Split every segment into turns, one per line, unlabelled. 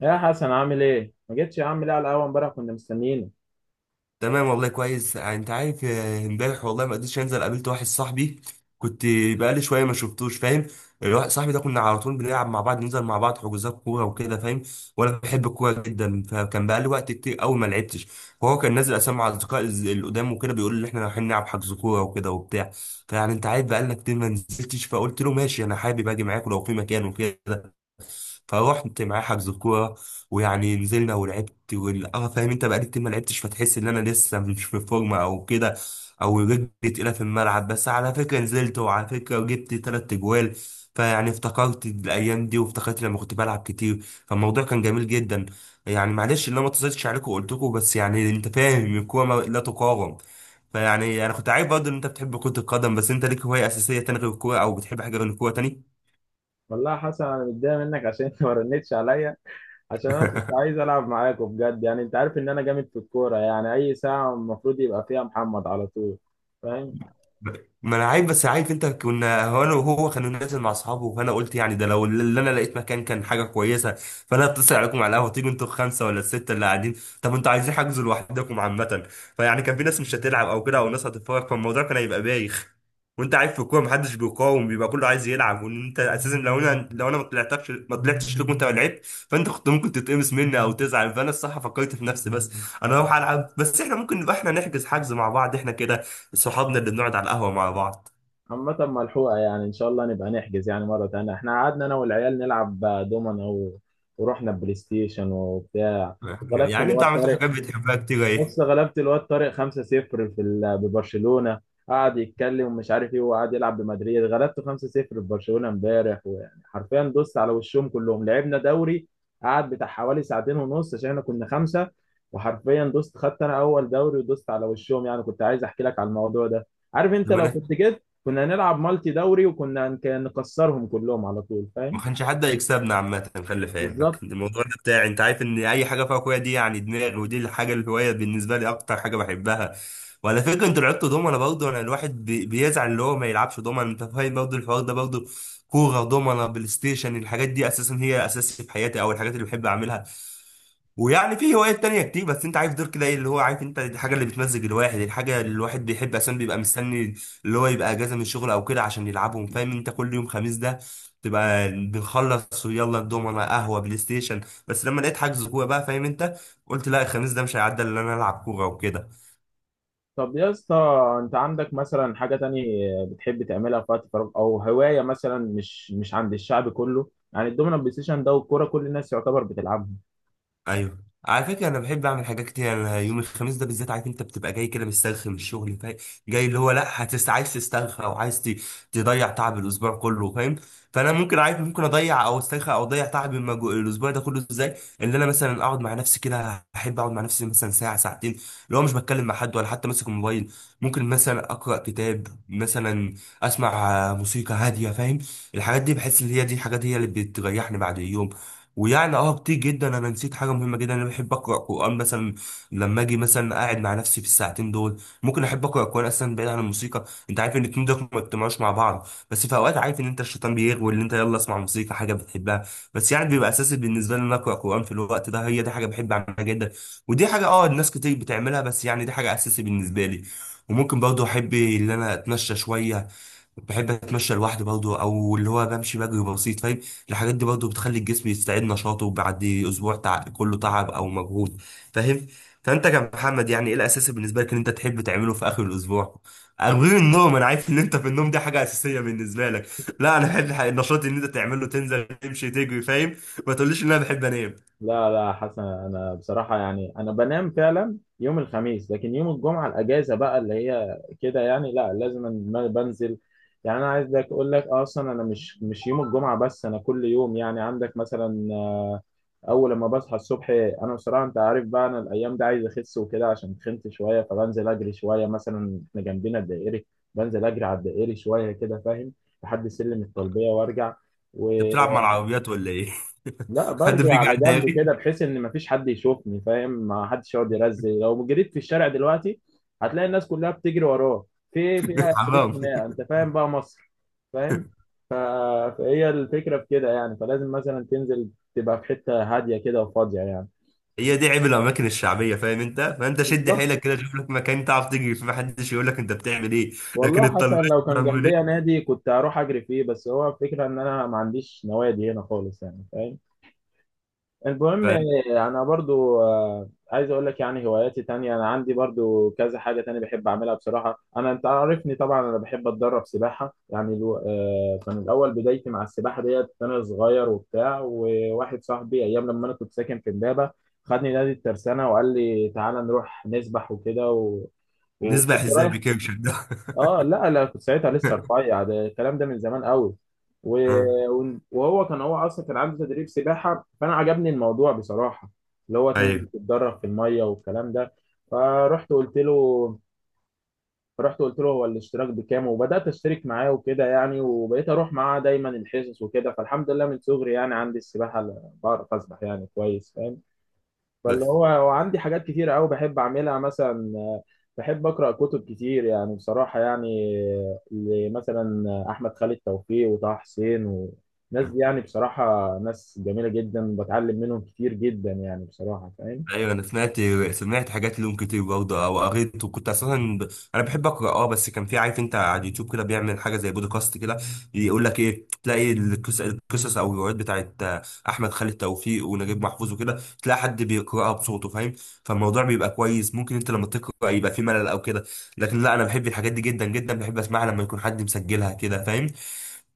يا حسن، عامل ايه؟ ما جيتش يا عم ليه على القهوه امبارح؟ كنا مستنيينك.
تمام والله كويس، انت عارف. امبارح والله ما قدرتش انزل، قابلت واحد صاحبي كنت بقالي شويه ما شفتوش، فاهم. الواحد صاحبي ده كنا على طول بنلعب مع بعض، ننزل مع بعض حجوزات كوره وكده، فاهم. وانا بحب الكوره جدا، فكان بقالي وقت كتير قوي ما لعبتش. وهو كان نازل اسامي مع اصدقاء القدام وكده، بيقول لي احنا رايحين نلعب حجز كوره وكده وبتاع. فيعني انت عارف بقالنا كتير ما نزلتش، فقلت له ماشي انا حابب اجي معاك لو في مكان وكده. فروحت معاه حجز الكوره، ويعني نزلنا ولعبت، اه فاهم انت، بقالي كتير ما لعبتش، فتحس ان انا لسه مش في فورمه او كده، او رجلي تقيله في الملعب. بس على فكره نزلت، وعلى فكره جبت تلات اجوال. فيعني افتكرت الايام دي، وافتكرت لما كنت بلعب كتير، فالموضوع كان جميل جدا. يعني معلش ان انا ما اتصلتش عليكم وقلت لكم، بس يعني انت فاهم الكوره لا تقاوم. فيعني انا كنت عارف برضه ان انت بتحب كرة القدم، بس انت ليك هواية اساسية تاني غير الكورة، او بتحب حاجة غير الكورة تاني.
والله يا حسن انا متضايق منك عشان انت ما رنتش عليا. عشان انا كنت عايز العب معاكوا بجد، يعني انت عارف ان انا جامد في الكوره، يعني اي ساعه المفروض يبقى فيها محمد على طول. فاهم؟
ب- ما انا عارف، بس عارف انت كنا، هو انا وهو كانوا نازل مع اصحابه، فانا قلت يعني ده لو اللي انا لقيت مكان كان حاجه كويسه. فانا اتصل عليكم على القهوه تيجوا انتوا الخمسه ولا السته اللي قاعدين، طب انتوا عايزين حجزوا لوحدكم عامه. فيعني كان في ناس مش هتلعب او كده، او ناس هتتفرج، فالموضوع كان هيبقى بايخ. وانت عارف في الكوره محدش بيقاوم، بيبقى كله عايز يلعب. وان انت اساسا لو انا لو انا ما طلعتكش، ما طلعتش لكم، انت ما لعبت، فانت كنت ممكن تتقمص مني او تزعل. فانا الصراحه فكرت في نفسي، بس انا اروح العب، بس احنا ممكن نبقى احنا نحجز حجز مع بعض احنا كده، صحابنا اللي بنقعد على القهوة مع بعض.
عامة ملحوقه، يعني ان شاء الله نبقى نحجز يعني مره تانية. احنا قعدنا انا والعيال نلعب دومنا ورحنا بلاي ستيشن وبتاع، وغلبت
يعني انت
الواد
عملت
طارق.
حاجات بتحبها كتير، ايه.
بص، غلبت الواد طارق 5-0 في ببرشلونة. قعد يتكلم ومش عارف ايه، وقعد يلعب بمدريد، غلبته 5-0 في برشلونة امبارح. ويعني حرفيا دوست على وشهم كلهم، لعبنا دوري قعد بتاع حوالي ساعتين ونص عشان احنا كنا خمسة. وحرفيا دوست، خدت انا اول دوري ودوست على وشهم. يعني كنت عايز احكي لك على الموضوع ده. عارف انت
لما
لو
انا،
كنت جيت كنا هنلعب مالتي دوري، وكنا كان نكسرهم كلهم على طول.
ما
فاهم؟
كانش حد هيكسبنا عامة، خلي في علمك
بالظبط.
الموضوع ده بتاعي. انت عارف ان اي حاجة فيها كورة دي يعني دماغي، ودي الحاجة، الهواية بالنسبة لي اكتر حاجة بحبها. وعلى فكرة انتوا لعبتوا دومنا برضه، انا الواحد بيزعل اللي هو ما يلعبش دومنا، انت فاهم برضه الحوار ده برضه. كورة، دومنا، بلاي ستيشن، الحاجات دي اساسا هي اساسي في حياتي، او الحاجات اللي بحب اعملها. ويعني في هوايات تانية كتير، بس انت عارف دول كده ايه، اللي هو عارف انت الحاجة اللي بتمزج الواحد، الحاجة اللي الواحد بيحب اصلا بيبقى مستني اللي هو يبقى اجازة من الشغل او كده عشان يلعبهم، فاهم انت. كل يوم خميس ده تبقى بنخلص ويلا الدومنة، قهوة، بلاي ستيشن. بس لما لقيت حجز كورة بقى، فاهم انت، قلت لا الخميس ده مش هيعدي الا ان انا العب كورة وكده.
طب يا اسطى، انت عندك مثلا حاجة تانية بتحب تعملها في وقت فراغ، او هواية مثلا مش عند الشعب كله؟ يعني الدومينو بلاي ستيشن ده والكورة كل الناس يعتبر بتلعبها.
ايوه، على فكره انا بحب اعمل حاجات كتير. يعني انا يوم الخميس ده بالذات عارف انت بتبقى جاي كده مسترخي من الشغل، فاهم. جاي اللي هو لا، هتس عايز تسترخي او عايز تضيع تعب الاسبوع كله، فاهم. فانا ممكن عارف، ممكن اضيع او استرخي او اضيع تعب الاسبوع ده كله ازاي. اللي انا مثلا اقعد مع نفسي كده، احب اقعد مع نفسي مثلا ساعه ساعتين، اللي هو مش بتكلم مع حد ولا حتى ماسك الموبايل. ممكن مثلا اقرا كتاب مثلا، اسمع موسيقى هاديه، فاهم. الحاجات دي بحس ان هي دي الحاجات، هي اللي بتريحني بعد اليوم. ويعني كتير جدا، انا نسيت حاجه مهمه جدا، انا بحب اقرا قران مثلا. لما اجي مثلا قاعد مع نفسي في الساعتين دول، ممكن احب اقرا قران، اصلا بعيد عن الموسيقى. انت عارف ان الاتنين دول ما بيجتمعوش مع بعض، بس في اوقات عارف ان انت الشيطان بيغوي اللي انت يلا اسمع موسيقى حاجه بتحبها. بس يعني بيبقى اساسي بالنسبه لي ان أنا اقرا قران في الوقت ده، هي دي حاجه بحب اعملها جدا. ودي حاجه الناس كتير بتعملها، بس يعني دي حاجه اساسي بالنسبه لي. وممكن برضه احب ان انا اتمشى شويه، بحب اتمشى لوحدي برضه، او اللي هو بمشي بجري بسيط، فاهم. الحاجات دي برضه بتخلي الجسم يستعيد نشاطه بعد اسبوع كله تعب او مجهود، فاهم. فانت كمحمد يعني ايه الاساسي بالنسبه لك ان انت تحب تعمله في اخر الاسبوع؟ غير النوم، انا عارف ان انت في النوم دي حاجه اساسيه بالنسبه لك، لا، انا بحب النشاط اللي انت تعمله، تنزل تمشي تجري، فاهم. ما تقوليش ان انا بحب انام.
لا لا حسن، انا بصراحة يعني انا بنام فعلا يوم الخميس، لكن يوم الجمعة الاجازة بقى اللي هي كده، يعني لا، لازم بنزل. يعني انا عايز لك اقول لك اصلا انا مش يوم الجمعة بس، انا كل يوم. يعني عندك مثلا اول لما بصحى الصبح، انا بصراحه انت عارف بقى انا الايام دي عايز اخس وكده عشان خنت شويه، فبنزل اجري شويه. مثلا احنا جنبنا الدائري، بنزل اجري على الدائري شويه كده. فاهم؟ لحد سلم الطلبيه وارجع.
انت بتلعب
ولا
مع العربيات ولا ايه؟ حد
برجع
بيجي
على
على
جنب
الداري.
كده بحيث ان مفيش حد يشوفني. فاهم؟ ما حدش يقعد يرزق. لو جريت في الشارع دلوقتي هتلاقي الناس كلها بتجري وراه. في إيه؟ في حدود
حرام.
خناقه. انت فاهم بقى مصر؟ فاهم؟ ف- فهي الفكره في كده يعني، فلازم مثلا تنزل تبقى في حته هاديه كده وفاضيه يعني.
هي دي عيب الاماكن الشعبيه، فاهم انت. فانت شد
بالظبط.
حيلك كده، شوف لك مكان تعرف تجري فيه محدش يقول لك انت بتعمل ايه. لكن
والله حتى
الطلبات
إن لو كان
بيعملوا
جنبيا
ايه؟
نادي كنت هروح اجري فيه، بس هو الفكره ان انا ما عنديش نوادي هنا خالص، يعني فاهم؟ المهم
فانت
انا برضو عايز اقول لك يعني هواياتي تانية. انا عندي برضو كذا حاجه تانية بحب اعملها بصراحه. انا انت عارفني طبعا، انا بحب اتدرب سباحه. يعني الو... آه، كان الاول بدايتي مع السباحه ديت انا صغير وبتاع، وواحد صاحبي ايام لما انا كنت ساكن في امبابه خدني نادي الترسانه وقال لي تعالى نروح نسبح وكده
نسبح
وكنت
ازاي
رايح.
بكرش ده؟
اه لا لا، كنت ساعتها لسه رفيع، ده الكلام ده من زمان قوي. و... وهو كان هو اصلا كان عنده تدريب سباحه، فانا عجبني الموضوع بصراحه. اللي هو تنزل
ايوه.
تتدرب في الميه والكلام ده. فرحت قلت له رحت قلت له هو الاشتراك بكام، وبدات اشترك معاه وكده يعني، وبقيت اروح معاه دايما الحصص وكده. فالحمد لله من صغري يعني عندي السباحه بعرف اسبح يعني كويس. فاهم؟ فاللي
بس
هو هو عندي حاجات كتير قوي بحب اعملها. مثلا بحب اقرا كتب كتير يعني بصراحه يعني. مثلا احمد خالد توفيق وطه حسين والناس دي، يعني بصراحه ناس جميله جدا، بتعلم منهم كتير جدا يعني بصراحه. فاهم؟
ايوه، انا سمعت، سمعت حاجات لهم كتير برضه او قريت، وكنت اساسا انا بحب اقرا، بس كان في، عارف انت على اليوتيوب كده بيعمل حاجه زي بودكاست كده، يقول لك ايه، تلاقي القصص، او الروايات بتاعت احمد خالد توفيق ونجيب محفوظ وكده، تلاقي حد بيقراها بصوته، فاهم. فالموضوع بيبقى كويس. ممكن انت لما تقرا يبقى في ملل او كده، لكن لا انا بحب الحاجات دي جدا جدا، بحب اسمعها لما يكون حد مسجلها كده، فاهم.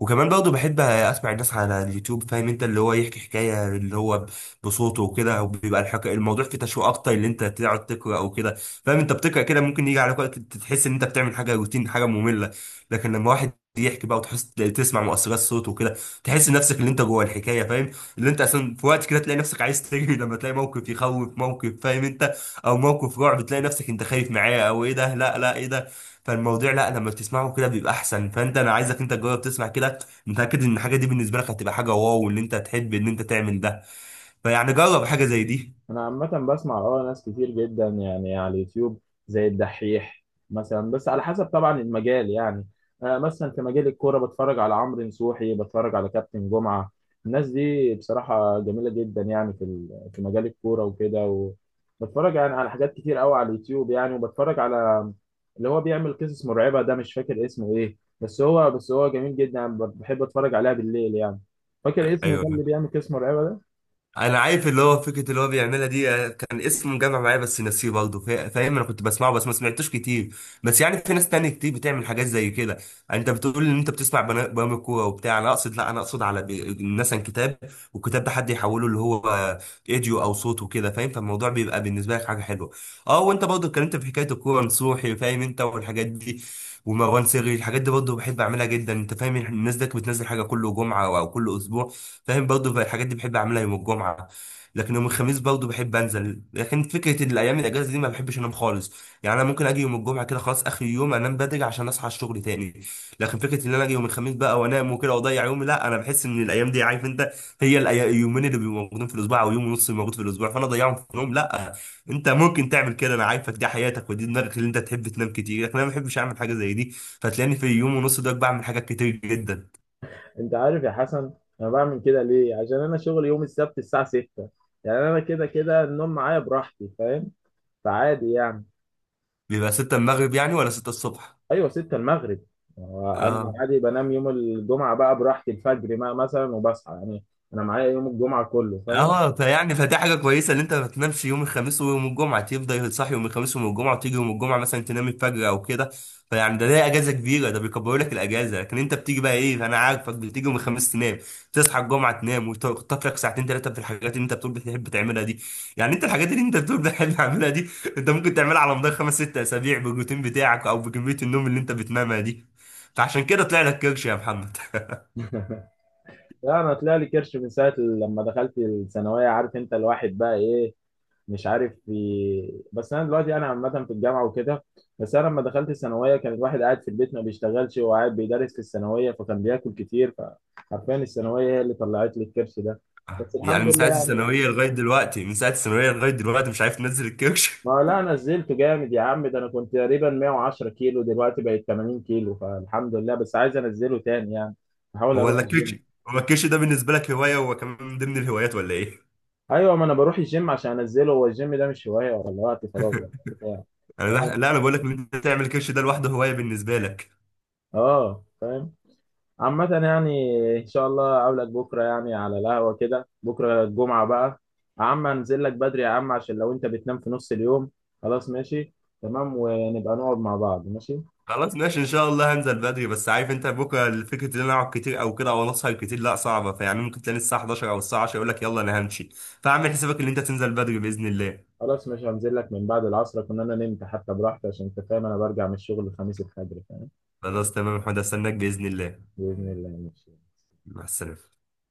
وكمان برضه بحب اسمع الناس على اليوتيوب، فاهم انت، اللي هو يحكي حكايه اللي هو بصوته وكده، او بيبقى الموضوع فيه تشويق اكتر، اللي انت تقعد تقرا او كده، فاهم. انت بتقرا كده ممكن يجي عليك وقت تحس ان انت بتعمل حاجه روتين، حاجه ممله. لكن لما واحد يحكي بقى، وتحس تسمع مؤثرات صوته وكده، تحس نفسك اللي انت جوه الحكايه، فاهم. اللي انت اصلا في وقت كده تلاقي نفسك عايز تجري لما تلاقي موقف يخوف، موقف فاهم انت، او موقف رعب، تلاقي نفسك انت خايف معاه، او ايه ده لا لا ايه ده. فالموضوع لا، لما بتسمعه كده بيبقى احسن. فانت انا عايزك انت تجرب تسمع كده، متاكد ان الحاجه دي بالنسبه لك هتبقى حاجه واو، وان انت تحب ان انت تعمل ده. فيعني جرب حاجه زي دي.
انا عامه بسمع اه ناس كتير جدا يعني على اليوتيوب، زي الدحيح مثلا. بس على حسب طبعا المجال يعني. آه، مثلا في مجال الكوره بتفرج على عمرو نصوحي، بتفرج على كابتن جمعه. الناس دي بصراحه جميله جدا يعني في في مجال الكوره وكده. وبتفرج يعني على حاجات كتير قوي على اليوتيوب يعني. وبتفرج على اللي هو بيعمل قصص مرعبه ده، مش فاكر اسمه ايه، بس هو جميل جدا يعني، بحب اتفرج عليها بالليل يعني. فاكر اسمه ده
ايوه،
اللي بيعمل قصص مرعبه ده؟
انا عارف اللي هو فكره اللي هو بيعملها دي، كان اسمه مجمع معايا بس نسيه برضه، فاهم، انا كنت بسمعه بس ما سمعتوش كتير. بس يعني في ناس تانية كتير بتعمل حاجات زي كده. يعني انت بتقول ان انت بتسمع برامج كوره وبتاع، انا اقصد لا، انا اقصد على مثلا كتاب، والكتاب ده حد يحوله اللي هو فيديو او صوت وكده، فاهم. فالموضوع بيبقى بالنسبه لك حاجه حلوه. اه وانت برضه اتكلمت في حكايه الكوره، نصوحي فاهم انت والحاجات دي، ومروان سري، الحاجات دي برضه بحب اعملها جدا انت فاهم. الناس دي بتنزل حاجه كل جمعه او كل اسبوع، فاهم، برضه الحاجات دي بحب اعملها يوم الجمعه. لكن يوم الخميس برضه بحب انزل، لكن فكره إن الايام الاجازه دي ما بحبش انام خالص. يعني انا ممكن اجي يوم الجمعه كده خلاص اخر يوم انام بدري عشان اصحى الشغل تاني. لكن فكره ان انا اجي يوم الخميس بقى وانام وكده واضيع يومي، لا، انا بحس ان الايام دي عارف انت، هي اليومين اللي بيبقوا موجودين في الاسبوع، او يوم ونص اللي موجود في الاسبوع، فانا اضيعهم في نوم، لا. انت ممكن تعمل كده، انا عارفك دي حياتك ودي دماغك اللي انت تحب تنام كتير، لكن انا ما بحبش اعمل حاجه زي دي. فتلاقيني في يوم ونص ده بعمل حاجات كتير جدا.
انت عارف يا حسن، انا بعمل كده ليه؟ عشان انا شغلي يوم السبت الساعه 6. يعني انا كده كده النوم معايا براحتي. فاهم؟ فعادي يعني.
بيبقى 6 المغرب يعني، ولا 6 الصبح؟
ايوه، 6 المغرب. انا
اه.
عادي بنام يوم الجمعه بقى براحتي الفجر بقى مثلا، وبصحى يعني. انا معايا يوم الجمعه كله. فاهم؟
اه فيعني فدي حاجه كويسه ان انت ما تنامش يوم الخميس ويوم الجمعه، تفضل تصحي يوم الخميس ويوم الجمعه، وتيجي يوم الجمعه مثلا تنام الفجر او كده. فيعني ده ليه اجازه كبيره، ده بيكبروا لك الاجازه. لكن انت بتيجي بقى ايه، انا عارفك بتيجي يوم الخميس تنام، تصحى الجمعه تنام، وتخطف لك ساعتين ثلاثه في الحاجات اللي انت بتقول بتحب تعملها دي. يعني انت الحاجات اللي انت بتقول بتحب تعملها دي، انت ممكن تعملها على مدار خمس ست اسابيع بالروتين بتاعك او بكميه النوم اللي انت بتنامها دي. فعشان كده طلع لك كرش يا محمد.
لا انا طلع لي كرش من ساعه لما دخلت الثانويه، عارف انت الواحد بقى ايه. مش عارف في، بس انا دلوقتي انا عامه في الجامعه وكده. بس انا لما دخلت الثانويه كان الواحد قاعد في البيت ما بيشتغلش، هو قاعد بيدرس في الثانويه، فكان بياكل كتير. فحرفيا الثانويه هي اللي طلعت لي الكرش ده. بس
يعني
الحمد
من
لله
ساعة
يعني.
الثانوية لغاية دلوقتي، من ساعة الثانوية لغاية دلوقتي مش عارف تنزل الكرش؟
ما هو لا، أنا نزلت جامد يا عم. ده انا كنت تقريبا 110 كيلو، دلوقتي بقيت 80 كيلو. فالحمد لله، بس عايز انزله تاني يعني. بحاول اروح
ولا الكرش،
الجيم.
هو الكرش ده بالنسبة لك هواية، هو كمان من ضمن الهوايات ولا ايه؟
ايوه، ما انا بروح الجيم عشان انزله. هو الجيم ده مش هوايه ولا وقت فراغ ولا بتاع.
لا،
فاهم؟
انا بقول لك ان انت تعمل الكرش ده لوحده هواية بالنسبة لك.
اه فاهم. عامة يعني إن شاء الله أقابلك بكرة يعني على القهوة كده، بكرة الجمعة بقى. يا عم، أنزل لك بدري يا عم عشان لو أنت بتنام في نص اليوم. خلاص ماشي. تمام، ونبقى نقعد مع بعض. ماشي.
خلاص ماشي، ان شاء الله هنزل بدري، بس عارف انت بكره فكرة ان انا اقعد كتير او كده، او انا اسهر كتير لا صعبة. فيعني ممكن تلاقي الساعة 11 او الساعة 10 يقول لك يلا انا همشي. فاعمل حسابك ان انت تنزل بدري بإذن الله.
خلاص ماشي، هنزل لك من بعد العصر كنا أنا نمت حتى براحتي، عشان أنت فاهم أنا برجع من الشغل الخميس الفجر. فاهم؟
خلاص تمام يا محمد، استناك بإذن الله.
بإذن الله ماشي.
مع السلامة.